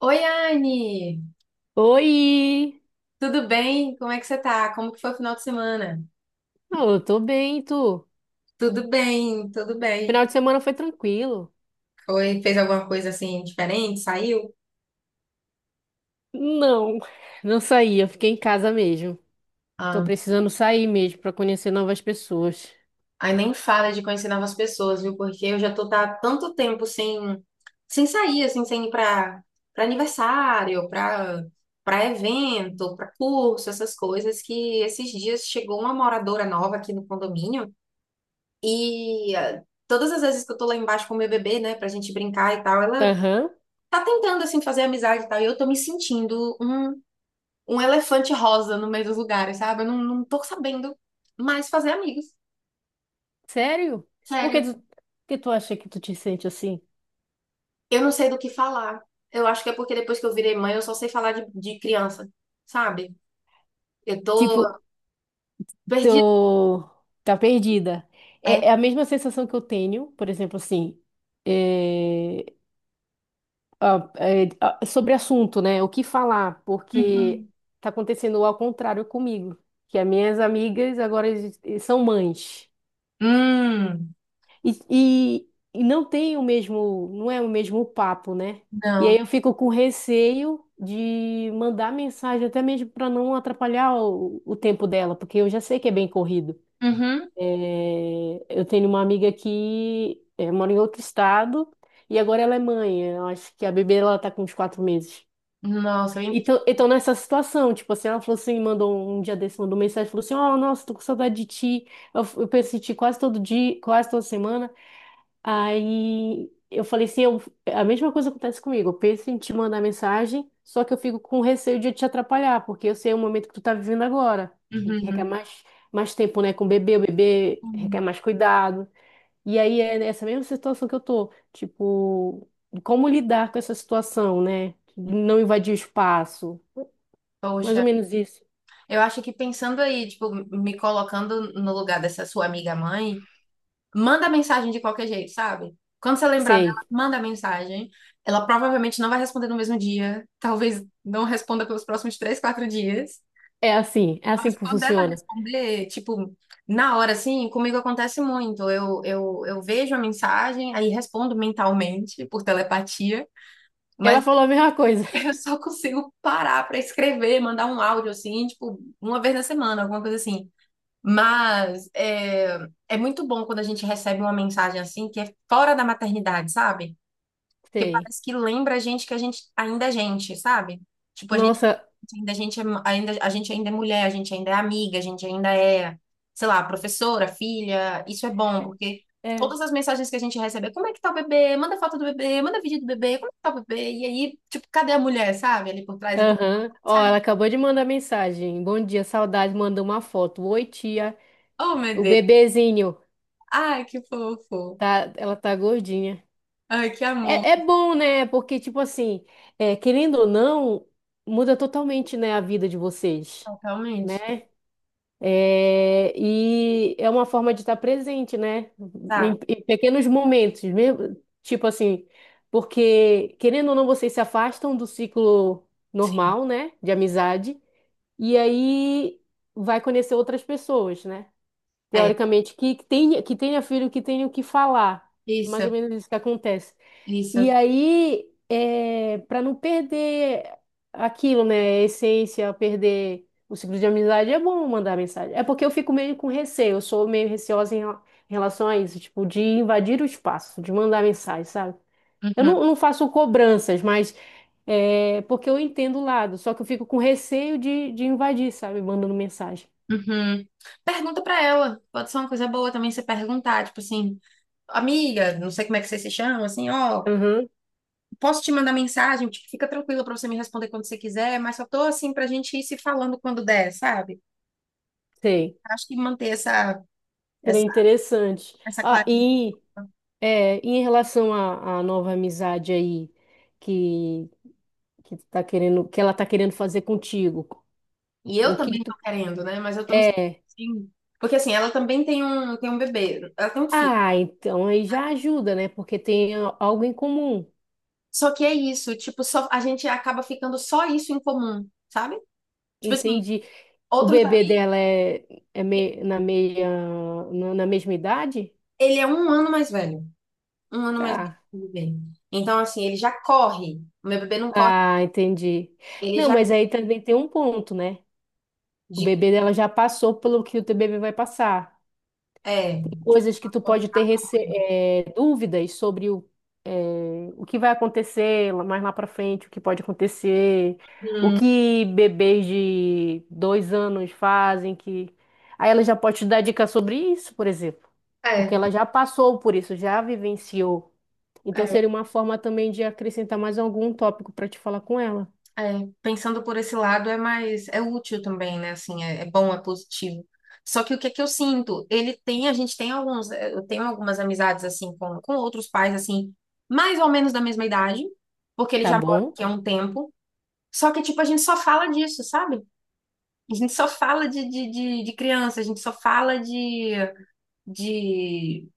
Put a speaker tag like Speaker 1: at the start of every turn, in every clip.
Speaker 1: Oi, Anne!
Speaker 2: Oi!
Speaker 1: Tudo bem? Como é que você tá? Como que foi o final de semana?
Speaker 2: Oh, eu tô bem, e tu?
Speaker 1: Tudo bem, tudo bem.
Speaker 2: Final de semana foi tranquilo.
Speaker 1: Foi, fez alguma coisa assim diferente? Saiu?
Speaker 2: Não, não saí, eu fiquei em casa mesmo. Tô
Speaker 1: Ah,
Speaker 2: precisando sair mesmo pra conhecer novas pessoas.
Speaker 1: aí nem fala de conhecer novas pessoas, viu? Porque eu já tô há tanto tempo sem sair, assim, sem ir pra para aniversário, pra para evento, pra curso, essas coisas. Que esses dias chegou uma moradora nova aqui no condomínio e todas as vezes que eu tô lá embaixo com o meu bebê, né, pra gente brincar e tal, ela
Speaker 2: Aham,
Speaker 1: tá tentando, assim, fazer amizade e tal, e eu tô me sentindo um elefante rosa no meio dos lugares, sabe? Eu não tô sabendo mais fazer amigos,
Speaker 2: sério? Por
Speaker 1: sério.
Speaker 2: que tu, por que tu acha que tu te sente assim?
Speaker 1: Eu não sei do que falar. Eu acho que é porque depois que eu virei mãe, eu só sei falar de criança, sabe? Eu tô
Speaker 2: Tipo,
Speaker 1: perdida.
Speaker 2: tô... tá perdida.
Speaker 1: É.
Speaker 2: É a mesma sensação que eu tenho, por exemplo, assim. eh, Sobre assunto, né? O que falar, porque
Speaker 1: Uhum.
Speaker 2: tá acontecendo ao contrário comigo, que as minhas amigas agora são mães.
Speaker 1: Hum,
Speaker 2: E, e, e não tem o mesmo, não é o mesmo papo, né? E aí
Speaker 1: não.
Speaker 2: eu fico com receio de mandar mensagem, até mesmo para não atrapalhar o tempo dela, porque eu já sei que é bem corrido.
Speaker 1: Uhum.
Speaker 2: É, eu tenho uma amiga que mora em outro estado e agora ela é mãe. Eu acho que a bebê ela tá com uns 4 meses.
Speaker 1: Nossa, bem pequena.
Speaker 2: Então, nessa situação, tipo assim, ela falou assim, mandou um dia desse, mandou mensagem, falou assim, ó, nossa, tô com saudade de ti. Eu penso em ti quase todo dia, quase toda semana. Aí eu falei assim, eu, a mesma coisa acontece comigo. Eu penso em te mandar mensagem, só que eu fico com receio de eu te atrapalhar, porque eu sei o momento que tu tá vivendo agora, que requer
Speaker 1: Uhum.
Speaker 2: mais, mais tempo, né, com o bebê requer
Speaker 1: Uhum.
Speaker 2: mais cuidado. E aí é nessa mesma situação que eu tô, tipo, como lidar com essa situação, né, não invadir o espaço, mais
Speaker 1: Poxa,
Speaker 2: ou menos isso.
Speaker 1: eu acho que pensando aí, tipo, me colocando no lugar dessa sua amiga mãe, manda mensagem de qualquer jeito, sabe? Quando você lembrar
Speaker 2: Sei.
Speaker 1: dela, manda mensagem. Ela provavelmente não vai responder no mesmo dia. Talvez não responda pelos próximos três, quatro dias.
Speaker 2: É assim
Speaker 1: Mas
Speaker 2: que
Speaker 1: quando ela
Speaker 2: funciona.
Speaker 1: responder, tipo, na hora, assim, comigo acontece muito. Eu vejo a mensagem, aí respondo mentalmente, por telepatia. Mas
Speaker 2: Ela falou a mesma coisa.
Speaker 1: eu só consigo parar pra escrever, mandar um áudio, assim, tipo, uma vez na semana, alguma coisa assim. Mas é muito bom quando a gente recebe uma mensagem assim que é fora da maternidade, sabe? Porque
Speaker 2: Sei.
Speaker 1: parece que lembra a gente que a gente ainda é gente, sabe? Tipo,
Speaker 2: Nossa,
Speaker 1: a gente ainda é mulher, a gente ainda é amiga, a gente ainda é, sei lá, professora, filha. Isso é bom, porque
Speaker 2: é.
Speaker 1: todas as mensagens que a gente recebe é como é que tá o bebê? Manda foto do bebê, manda vídeo do bebê, como é que tá o bebê? E aí, tipo, cadê a mulher, sabe? Ali por trás. Então,
Speaker 2: Aham. Ó, ela
Speaker 1: mensagem,
Speaker 2: acabou de mandar mensagem. Bom dia, saudade. Mandou uma foto. Oi, tia.
Speaker 1: oh meu
Speaker 2: O
Speaker 1: Deus,
Speaker 2: bebezinho.
Speaker 1: ai, que fofo,
Speaker 2: Tá, ela tá gordinha.
Speaker 1: ai, que amor,
Speaker 2: É bom, né? Porque, tipo assim, querendo ou não, muda totalmente, né, a vida de vocês.
Speaker 1: totalmente.
Speaker 2: Né. É, e é uma forma de estar presente, né?
Speaker 1: Tá.
Speaker 2: Em pequenos momentos, mesmo, tipo assim, porque querendo ou não, vocês se afastam do ciclo normal, né? De amizade, e aí vai conhecer outras pessoas, né?
Speaker 1: É,
Speaker 2: Teoricamente, que tenha filho, que tenha o que falar. Mais ou
Speaker 1: isso,
Speaker 2: menos isso que acontece. E
Speaker 1: isso.
Speaker 2: aí, para não perder aquilo, né? A essência, perder o ciclo de amizade, é bom mandar mensagem. É porque eu fico meio com receio, eu sou meio receosa em relação a isso, tipo, de invadir o espaço, de mandar mensagem, sabe? Eu
Speaker 1: Uhum,
Speaker 2: não, não faço cobranças, mas é porque eu entendo o lado, só que eu fico com receio de invadir, sabe? Mandando mensagem.
Speaker 1: uhum. Pergunta pra ela. Pode ser uma coisa boa também você perguntar, tipo assim, amiga, não sei como é que você se chama, assim, ó,
Speaker 2: Aham,
Speaker 1: posso te mandar mensagem? Tipo, fica tranquila pra você me responder quando você quiser, mas só tô assim pra gente ir se falando quando der, sabe?
Speaker 2: sei.
Speaker 1: Acho que manter
Speaker 2: Seria
Speaker 1: essa,
Speaker 2: interessante.
Speaker 1: essa
Speaker 2: Ah,
Speaker 1: clareza.
Speaker 2: e. É, e em relação à nova amizade aí que, que tu tá querendo, que ela tá querendo fazer contigo,
Speaker 1: E eu
Speaker 2: o que que
Speaker 1: também
Speaker 2: tu
Speaker 1: tô querendo, né? Mas eu tô me sentindo
Speaker 2: é?
Speaker 1: assim. Porque assim, ela também tem um bebê, ela tem um filho.
Speaker 2: Ah, então aí já ajuda, né? Porque tem algo em comum.
Speaker 1: Só que é isso, tipo, só, a gente acaba ficando só isso em comum, sabe? Tipo assim,
Speaker 2: Entendi. O
Speaker 1: outros,
Speaker 2: bebê dela na meia, na mesma idade?
Speaker 1: ele é um ano mais velho. Um ano mais velho
Speaker 2: Tá.
Speaker 1: que o bebê. Então, assim, ele já corre. O meu bebê não corre,
Speaker 2: Ah, entendi.
Speaker 1: ele
Speaker 2: Não,
Speaker 1: já.
Speaker 2: mas aí também tem um ponto, né? O
Speaker 1: De,
Speaker 2: bebê dela já passou pelo que o teu bebê vai passar.
Speaker 1: é.
Speaker 2: Coisas que tu pode ter dúvidas sobre o que vai acontecer mais lá para frente, o que pode acontecer, o
Speaker 1: Hum,
Speaker 2: que bebês de 2 anos fazem, que aí ela já pode te dar dica sobre isso, por exemplo, porque
Speaker 1: é,
Speaker 2: ela já passou por isso, já vivenciou. Então
Speaker 1: é,
Speaker 2: seria uma forma também de acrescentar mais algum tópico para te falar com ela,
Speaker 1: é. Pensando por esse lado é mais, é útil também, né? Assim, é, é bom, é positivo. Só que o que é que eu sinto? Ele tem, a gente tem alguns, eu tenho algumas amizades assim com outros pais assim, mais ou menos da mesma idade, porque ele
Speaker 2: tá
Speaker 1: já mora
Speaker 2: bom?
Speaker 1: aqui há um tempo. Só que tipo a gente só fala disso, sabe? A gente só fala de criança, a gente só fala de,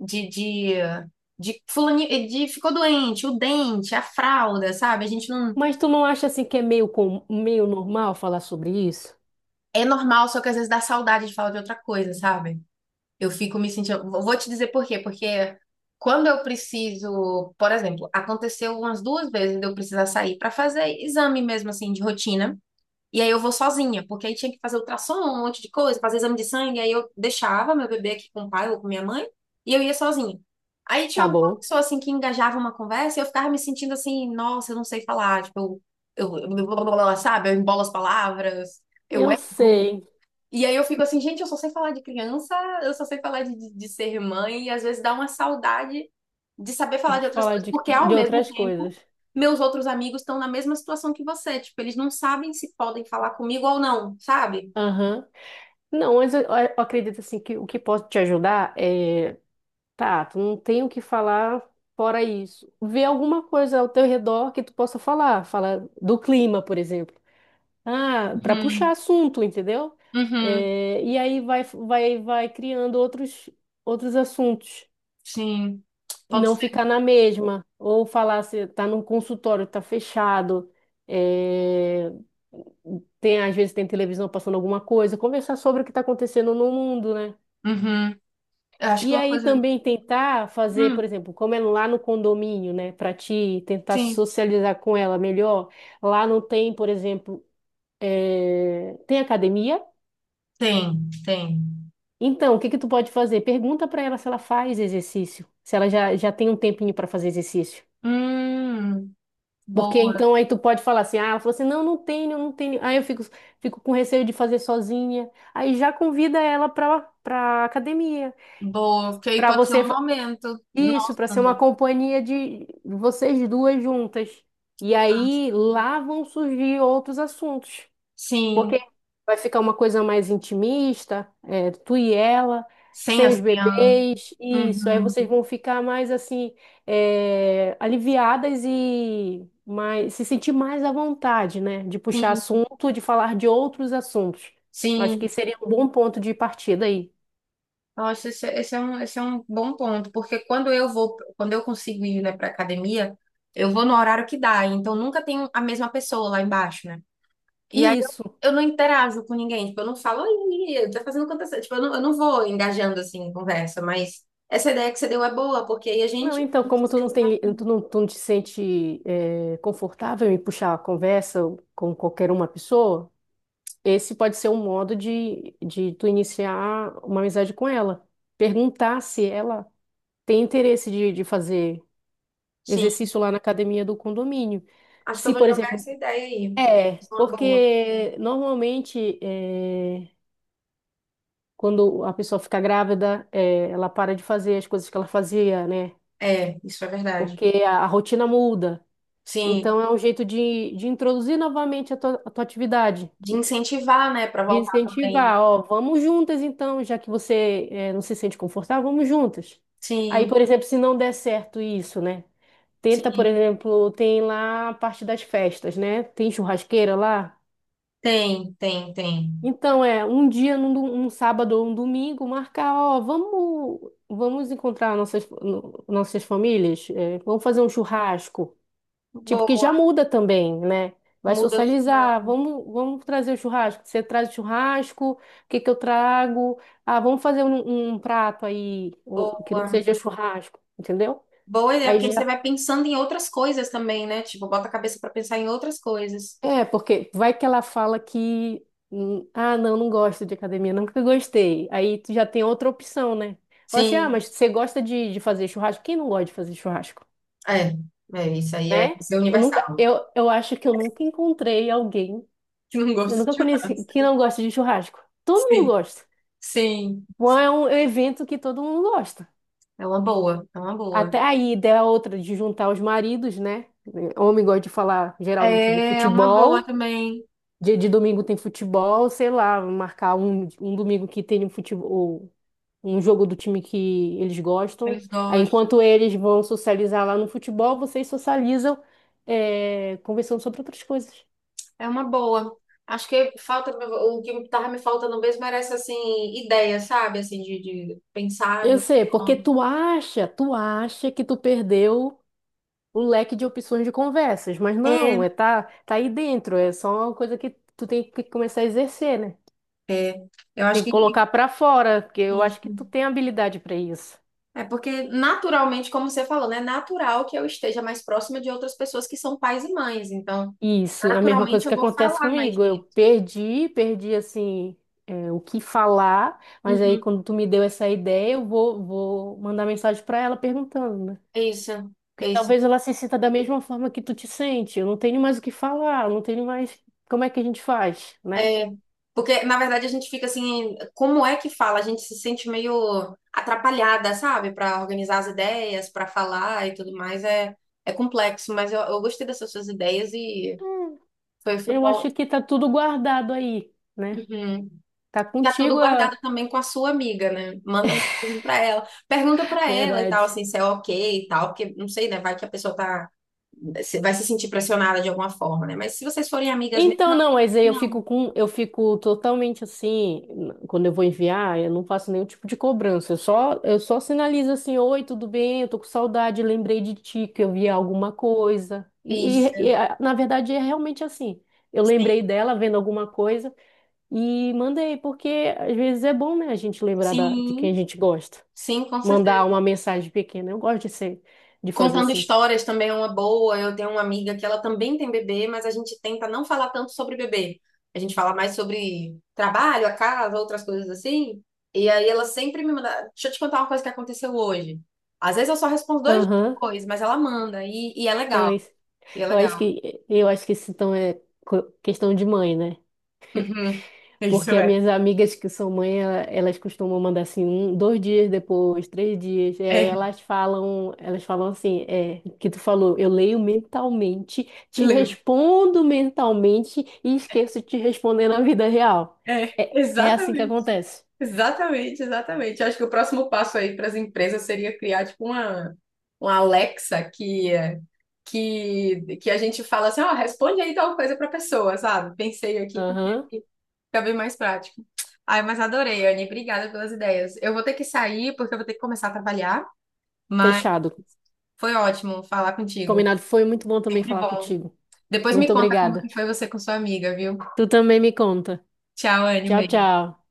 Speaker 1: de, de, de ficou doente, o dente, a fralda, sabe? A gente não.
Speaker 2: Mas tu não acha assim que é meio normal falar sobre isso?
Speaker 1: É normal, só que às vezes dá saudade de falar de outra coisa, sabe? Eu fico me sentindo. Vou te dizer por quê, porque quando eu preciso, por exemplo, aconteceu umas duas vezes de eu precisar sair para fazer exame mesmo assim de rotina. E aí eu vou sozinha, porque aí tinha que fazer ultrassom, um monte de coisa, fazer exame de sangue, aí eu deixava meu bebê aqui com o pai ou com minha mãe, e eu ia sozinha. Aí tinha
Speaker 2: Tá
Speaker 1: alguma
Speaker 2: bom.
Speaker 1: pessoa assim que engajava uma conversa e eu ficava me sentindo assim, nossa, eu não sei falar, tipo, sabe, eu embolo as palavras, eu
Speaker 2: Eu
Speaker 1: erro.
Speaker 2: sei.
Speaker 1: E aí eu fico assim, gente, eu só sei falar de criança, eu só sei falar de ser mãe, e às vezes dá uma saudade de saber falar
Speaker 2: De
Speaker 1: de outras
Speaker 2: falar
Speaker 1: coisas,
Speaker 2: de,
Speaker 1: porque ao
Speaker 2: de
Speaker 1: mesmo
Speaker 2: outras coisas.
Speaker 1: tempo, meus outros amigos estão na mesma situação que você, tipo, eles não sabem se podem falar comigo ou não, sabe?
Speaker 2: Aham. Não, mas eu acredito assim que o que posso te ajudar é, tá, tu não tem o que falar fora isso. Vê alguma coisa ao teu redor que tu possa falar, fala do clima, por exemplo. Ah, para puxar
Speaker 1: Uhum,
Speaker 2: assunto, entendeu?
Speaker 1: uhum,
Speaker 2: É, e aí vai criando outros, outros assuntos.
Speaker 1: sim,
Speaker 2: E
Speaker 1: pode
Speaker 2: não
Speaker 1: ser.
Speaker 2: ficar na mesma, ou falar se tá num consultório, tá fechado. é, Tem, às vezes tem televisão passando alguma coisa, conversar sobre o que está acontecendo no mundo, né?
Speaker 1: Uhum. Eu acho que
Speaker 2: E
Speaker 1: uma
Speaker 2: aí
Speaker 1: coisa.
Speaker 2: também tentar fazer, por
Speaker 1: Hum,
Speaker 2: exemplo, como é lá no condomínio, né, para ti tentar
Speaker 1: sim,
Speaker 2: socializar com ela melhor. Lá não tem, por exemplo, tem academia.
Speaker 1: tem, tem.
Speaker 2: Então, o que que tu pode fazer? Pergunta para ela se ela faz exercício, se ela já tem um tempinho para fazer exercício.
Speaker 1: Hum,
Speaker 2: Porque
Speaker 1: boa,
Speaker 2: então aí tu pode falar assim, ah, ela falou assim, não, não tenho, não tenho. Aí eu fico com receio de fazer sozinha. Aí já convida ela pra academia,
Speaker 1: boa. Porque aí
Speaker 2: pra
Speaker 1: pode ser
Speaker 2: você,
Speaker 1: um
Speaker 2: fa-
Speaker 1: momento.
Speaker 2: isso, pra
Speaker 1: Nossa,
Speaker 2: ser uma
Speaker 1: né?
Speaker 2: companhia de vocês duas juntas. E
Speaker 1: Ah,
Speaker 2: aí lá vão surgir outros assuntos. Porque
Speaker 1: sim,
Speaker 2: vai ficar uma coisa mais intimista, tu e ela,
Speaker 1: sem
Speaker 2: sem
Speaker 1: as
Speaker 2: os
Speaker 1: crianças.
Speaker 2: bebês, isso. Aí vocês
Speaker 1: Uhum.
Speaker 2: vão ficar mais assim, aliviadas e mais, se sentir mais à vontade, né? De puxar
Speaker 1: Sim,
Speaker 2: assunto, de falar de outros assuntos. Acho que
Speaker 1: sim.
Speaker 2: seria um bom ponto de partida aí.
Speaker 1: Nossa, esse é um bom ponto, porque quando eu vou, quando eu consigo ir, né, para academia, eu vou no horário que dá, então nunca tem a mesma pessoa lá embaixo, né? E aí
Speaker 2: E
Speaker 1: eu,
Speaker 2: isso.
Speaker 1: eu não interajo com ninguém, tipo, eu não falo, oi, tá fazendo quantas, tipo, eu não vou engajando assim em conversa, mas essa ideia que você deu é boa, porque aí a
Speaker 2: Não,
Speaker 1: gente.
Speaker 2: então, como tu não tem, tu não te sente, confortável em puxar a conversa com qualquer uma pessoa, esse pode ser um modo de tu iniciar uma amizade com ela. Perguntar se ela tem interesse de fazer
Speaker 1: Sim,
Speaker 2: exercício lá na academia do condomínio.
Speaker 1: acho que eu
Speaker 2: Se,
Speaker 1: vou
Speaker 2: por
Speaker 1: jogar
Speaker 2: exemplo,
Speaker 1: essa ideia aí. Acho uma boa.
Speaker 2: porque normalmente quando a pessoa fica grávida, ela para de fazer as coisas que ela fazia, né?
Speaker 1: É, isso é verdade.
Speaker 2: Porque a rotina muda.
Speaker 1: Sim,
Speaker 2: Então é um jeito de introduzir novamente a tua, atividade.
Speaker 1: de incentivar, né, para
Speaker 2: De
Speaker 1: voltar também.
Speaker 2: incentivar, ó, vamos juntas então, já que você não se sente confortável, vamos juntas. Aí,
Speaker 1: Sim.
Speaker 2: por exemplo, se não der certo isso, né? Tenta, por exemplo, tem lá a parte das festas, né? Tem churrasqueira lá.
Speaker 1: Tem, tem, tem.
Speaker 2: Então, é um dia, um sábado ou um domingo, marcar, ó, vamos encontrar nossas, no- nossas famílias, vamos fazer um churrasco. Tipo, que já
Speaker 1: Boa,
Speaker 2: muda também, né? Vai
Speaker 1: muda o.
Speaker 2: socializar, vamos trazer o churrasco. Você traz o churrasco, o que que eu trago? Ah, vamos fazer um prato aí, que não
Speaker 1: Boa.
Speaker 2: seja churrasco, entendeu?
Speaker 1: Boa ideia,
Speaker 2: Aí
Speaker 1: porque aí você
Speaker 2: já.
Speaker 1: vai pensando em outras coisas também, né? Tipo, bota a cabeça pra pensar em outras coisas.
Speaker 2: É, porque vai que ela fala que. Ah, não, não gosto de academia, nunca gostei. Aí tu já tem outra opção, né? Fala assim, ah,
Speaker 1: Sim,
Speaker 2: mas você gosta de fazer churrasco? Quem não gosta de fazer churrasco,
Speaker 1: é. É, isso aí é,
Speaker 2: né?
Speaker 1: isso é
Speaker 2: Eu
Speaker 1: universal.
Speaker 2: nunca, eu, eu acho que eu nunca encontrei alguém.
Speaker 1: Que não
Speaker 2: Eu
Speaker 1: gosta de
Speaker 2: nunca conheci quem
Speaker 1: churrasco.
Speaker 2: não gosta de churrasco. Todo mundo
Speaker 1: Sim,
Speaker 2: gosta.
Speaker 1: sim.
Speaker 2: Bom, é um evento que todo mundo gosta.
Speaker 1: É uma boa, é uma boa.
Speaker 2: Até aí, ideia é outra de juntar os maridos, né? Homem gosta de falar geralmente de
Speaker 1: É uma boa
Speaker 2: futebol.
Speaker 1: também.
Speaker 2: Dia de domingo tem futebol, sei lá, marcar um domingo que tem um futebol, um jogo do time que eles gostam.
Speaker 1: Eles
Speaker 2: Aí,
Speaker 1: gostam.
Speaker 2: enquanto eles vão socializar lá no futebol, vocês socializam, conversando sobre outras coisas.
Speaker 1: É uma boa. Acho que falta, o que tava me faltando mesmo era essa, assim, ideia, sabe? Assim, de pensar,
Speaker 2: Eu
Speaker 1: de.
Speaker 2: sei, porque tu acha que tu perdeu o leque de opções de conversas, mas não,
Speaker 1: É,
Speaker 2: tá aí dentro, é só uma coisa que tu tem que começar a exercer, né?
Speaker 1: é. Eu acho
Speaker 2: Tem que
Speaker 1: que
Speaker 2: colocar pra fora, porque eu acho
Speaker 1: isso.
Speaker 2: que tu tem habilidade pra isso.
Speaker 1: É porque, naturalmente, como você falou, né? É natural que eu esteja mais próxima de outras pessoas que são pais e mães. Então,
Speaker 2: Isso, é a mesma
Speaker 1: naturalmente,
Speaker 2: coisa
Speaker 1: eu
Speaker 2: que
Speaker 1: vou
Speaker 2: acontece
Speaker 1: falar mais
Speaker 2: comigo. Eu
Speaker 1: disso.
Speaker 2: perdi assim, o que falar, mas aí
Speaker 1: Uhum.
Speaker 2: quando tu me deu essa ideia, eu vou mandar mensagem pra ela perguntando, né?
Speaker 1: Isso,
Speaker 2: Porque
Speaker 1: isso.
Speaker 2: talvez ela se sinta da mesma forma que tu te sente. Eu não tenho mais o que falar, eu não tenho mais. Como é que a gente faz, né?
Speaker 1: É, porque, na verdade, a gente fica assim, como é que fala? A gente se sente meio atrapalhada, sabe? Para organizar as ideias, para falar e tudo mais. É, é complexo, mas eu gostei dessas suas ideias e foi
Speaker 2: Eu
Speaker 1: bom.
Speaker 2: acho que tá tudo guardado aí, né?
Speaker 1: Uhum.
Speaker 2: Tá
Speaker 1: Tá tudo
Speaker 2: contigo a
Speaker 1: guardado também com a sua amiga, né? Manda mensagem pra ela. Pergunta pra ela e
Speaker 2: verdade.
Speaker 1: tal, assim, se é ok e tal, porque não sei, né? Vai que a pessoa tá. Vai se sentir pressionada de alguma forma, né? Mas se vocês forem amigas mesmo,
Speaker 2: Então, não, mas aí eu fico
Speaker 1: não.
Speaker 2: com, eu fico totalmente assim, quando eu vou enviar, eu não faço nenhum tipo de cobrança. Eu só sinalizo assim, oi, tudo bem? Eu tô com saudade, lembrei de ti, que eu vi alguma coisa. E, e-
Speaker 1: Isso.
Speaker 2: e, a- na verdade é realmente assim. Eu
Speaker 1: Sim,
Speaker 2: lembrei dela vendo alguma coisa e mandei, porque às vezes é bom, né, a gente lembrar de
Speaker 1: sim,
Speaker 2: quem a gente gosta.
Speaker 1: sim, com
Speaker 2: Mandar
Speaker 1: certeza.
Speaker 2: uma mensagem pequena. Eu gosto de ser, De fazer
Speaker 1: Contando
Speaker 2: assim.
Speaker 1: histórias também é uma boa. Eu tenho uma amiga que ela também tem bebê, mas a gente tenta não falar tanto sobre bebê. A gente fala mais sobre trabalho, a casa, outras coisas assim. E aí ela sempre me manda. Deixa eu te contar uma coisa que aconteceu hoje. Às vezes eu só respondo dois dias
Speaker 2: Aham,
Speaker 1: depois, mas ela manda. E é
Speaker 2: então
Speaker 1: legal.
Speaker 2: é isso.
Speaker 1: E é
Speaker 2: Eu acho
Speaker 1: legal.
Speaker 2: que eu acho que isso então é questão de mãe, né?
Speaker 1: Uhum. Isso
Speaker 2: Porque as
Speaker 1: é.
Speaker 2: minhas amigas que são mãe, elas costumam mandar assim, um, 2 dias depois, 3 dias. E aí
Speaker 1: É,
Speaker 2: elas falam assim, que tu falou, eu leio mentalmente, te
Speaker 1: lembro.
Speaker 2: respondo mentalmente e esqueço de te responder na vida real.
Speaker 1: É,
Speaker 2: É assim que
Speaker 1: exatamente.
Speaker 2: acontece.
Speaker 1: Exatamente, exatamente. Eu acho que o próximo passo aí para as empresas seria criar, tipo, uma, Alexa que a gente fala assim, ó, responde aí tal coisa pra pessoa, sabe? Pensei aqui porque
Speaker 2: Aham,
Speaker 1: fica bem mais prático. Ai, mas adorei, Anne. Obrigada pelas ideias. Eu vou ter que sair porque eu vou ter que começar a trabalhar, mas
Speaker 2: fechado.
Speaker 1: foi ótimo falar contigo.
Speaker 2: Combinado. Foi muito bom também
Speaker 1: Sempre
Speaker 2: falar
Speaker 1: bom.
Speaker 2: contigo.
Speaker 1: Depois me
Speaker 2: Muito
Speaker 1: conta como que
Speaker 2: obrigada.
Speaker 1: foi você com sua amiga, viu?
Speaker 2: Tu também me conta.
Speaker 1: Tchau, Anne.
Speaker 2: Tchau,
Speaker 1: Beijo.
Speaker 2: tchau.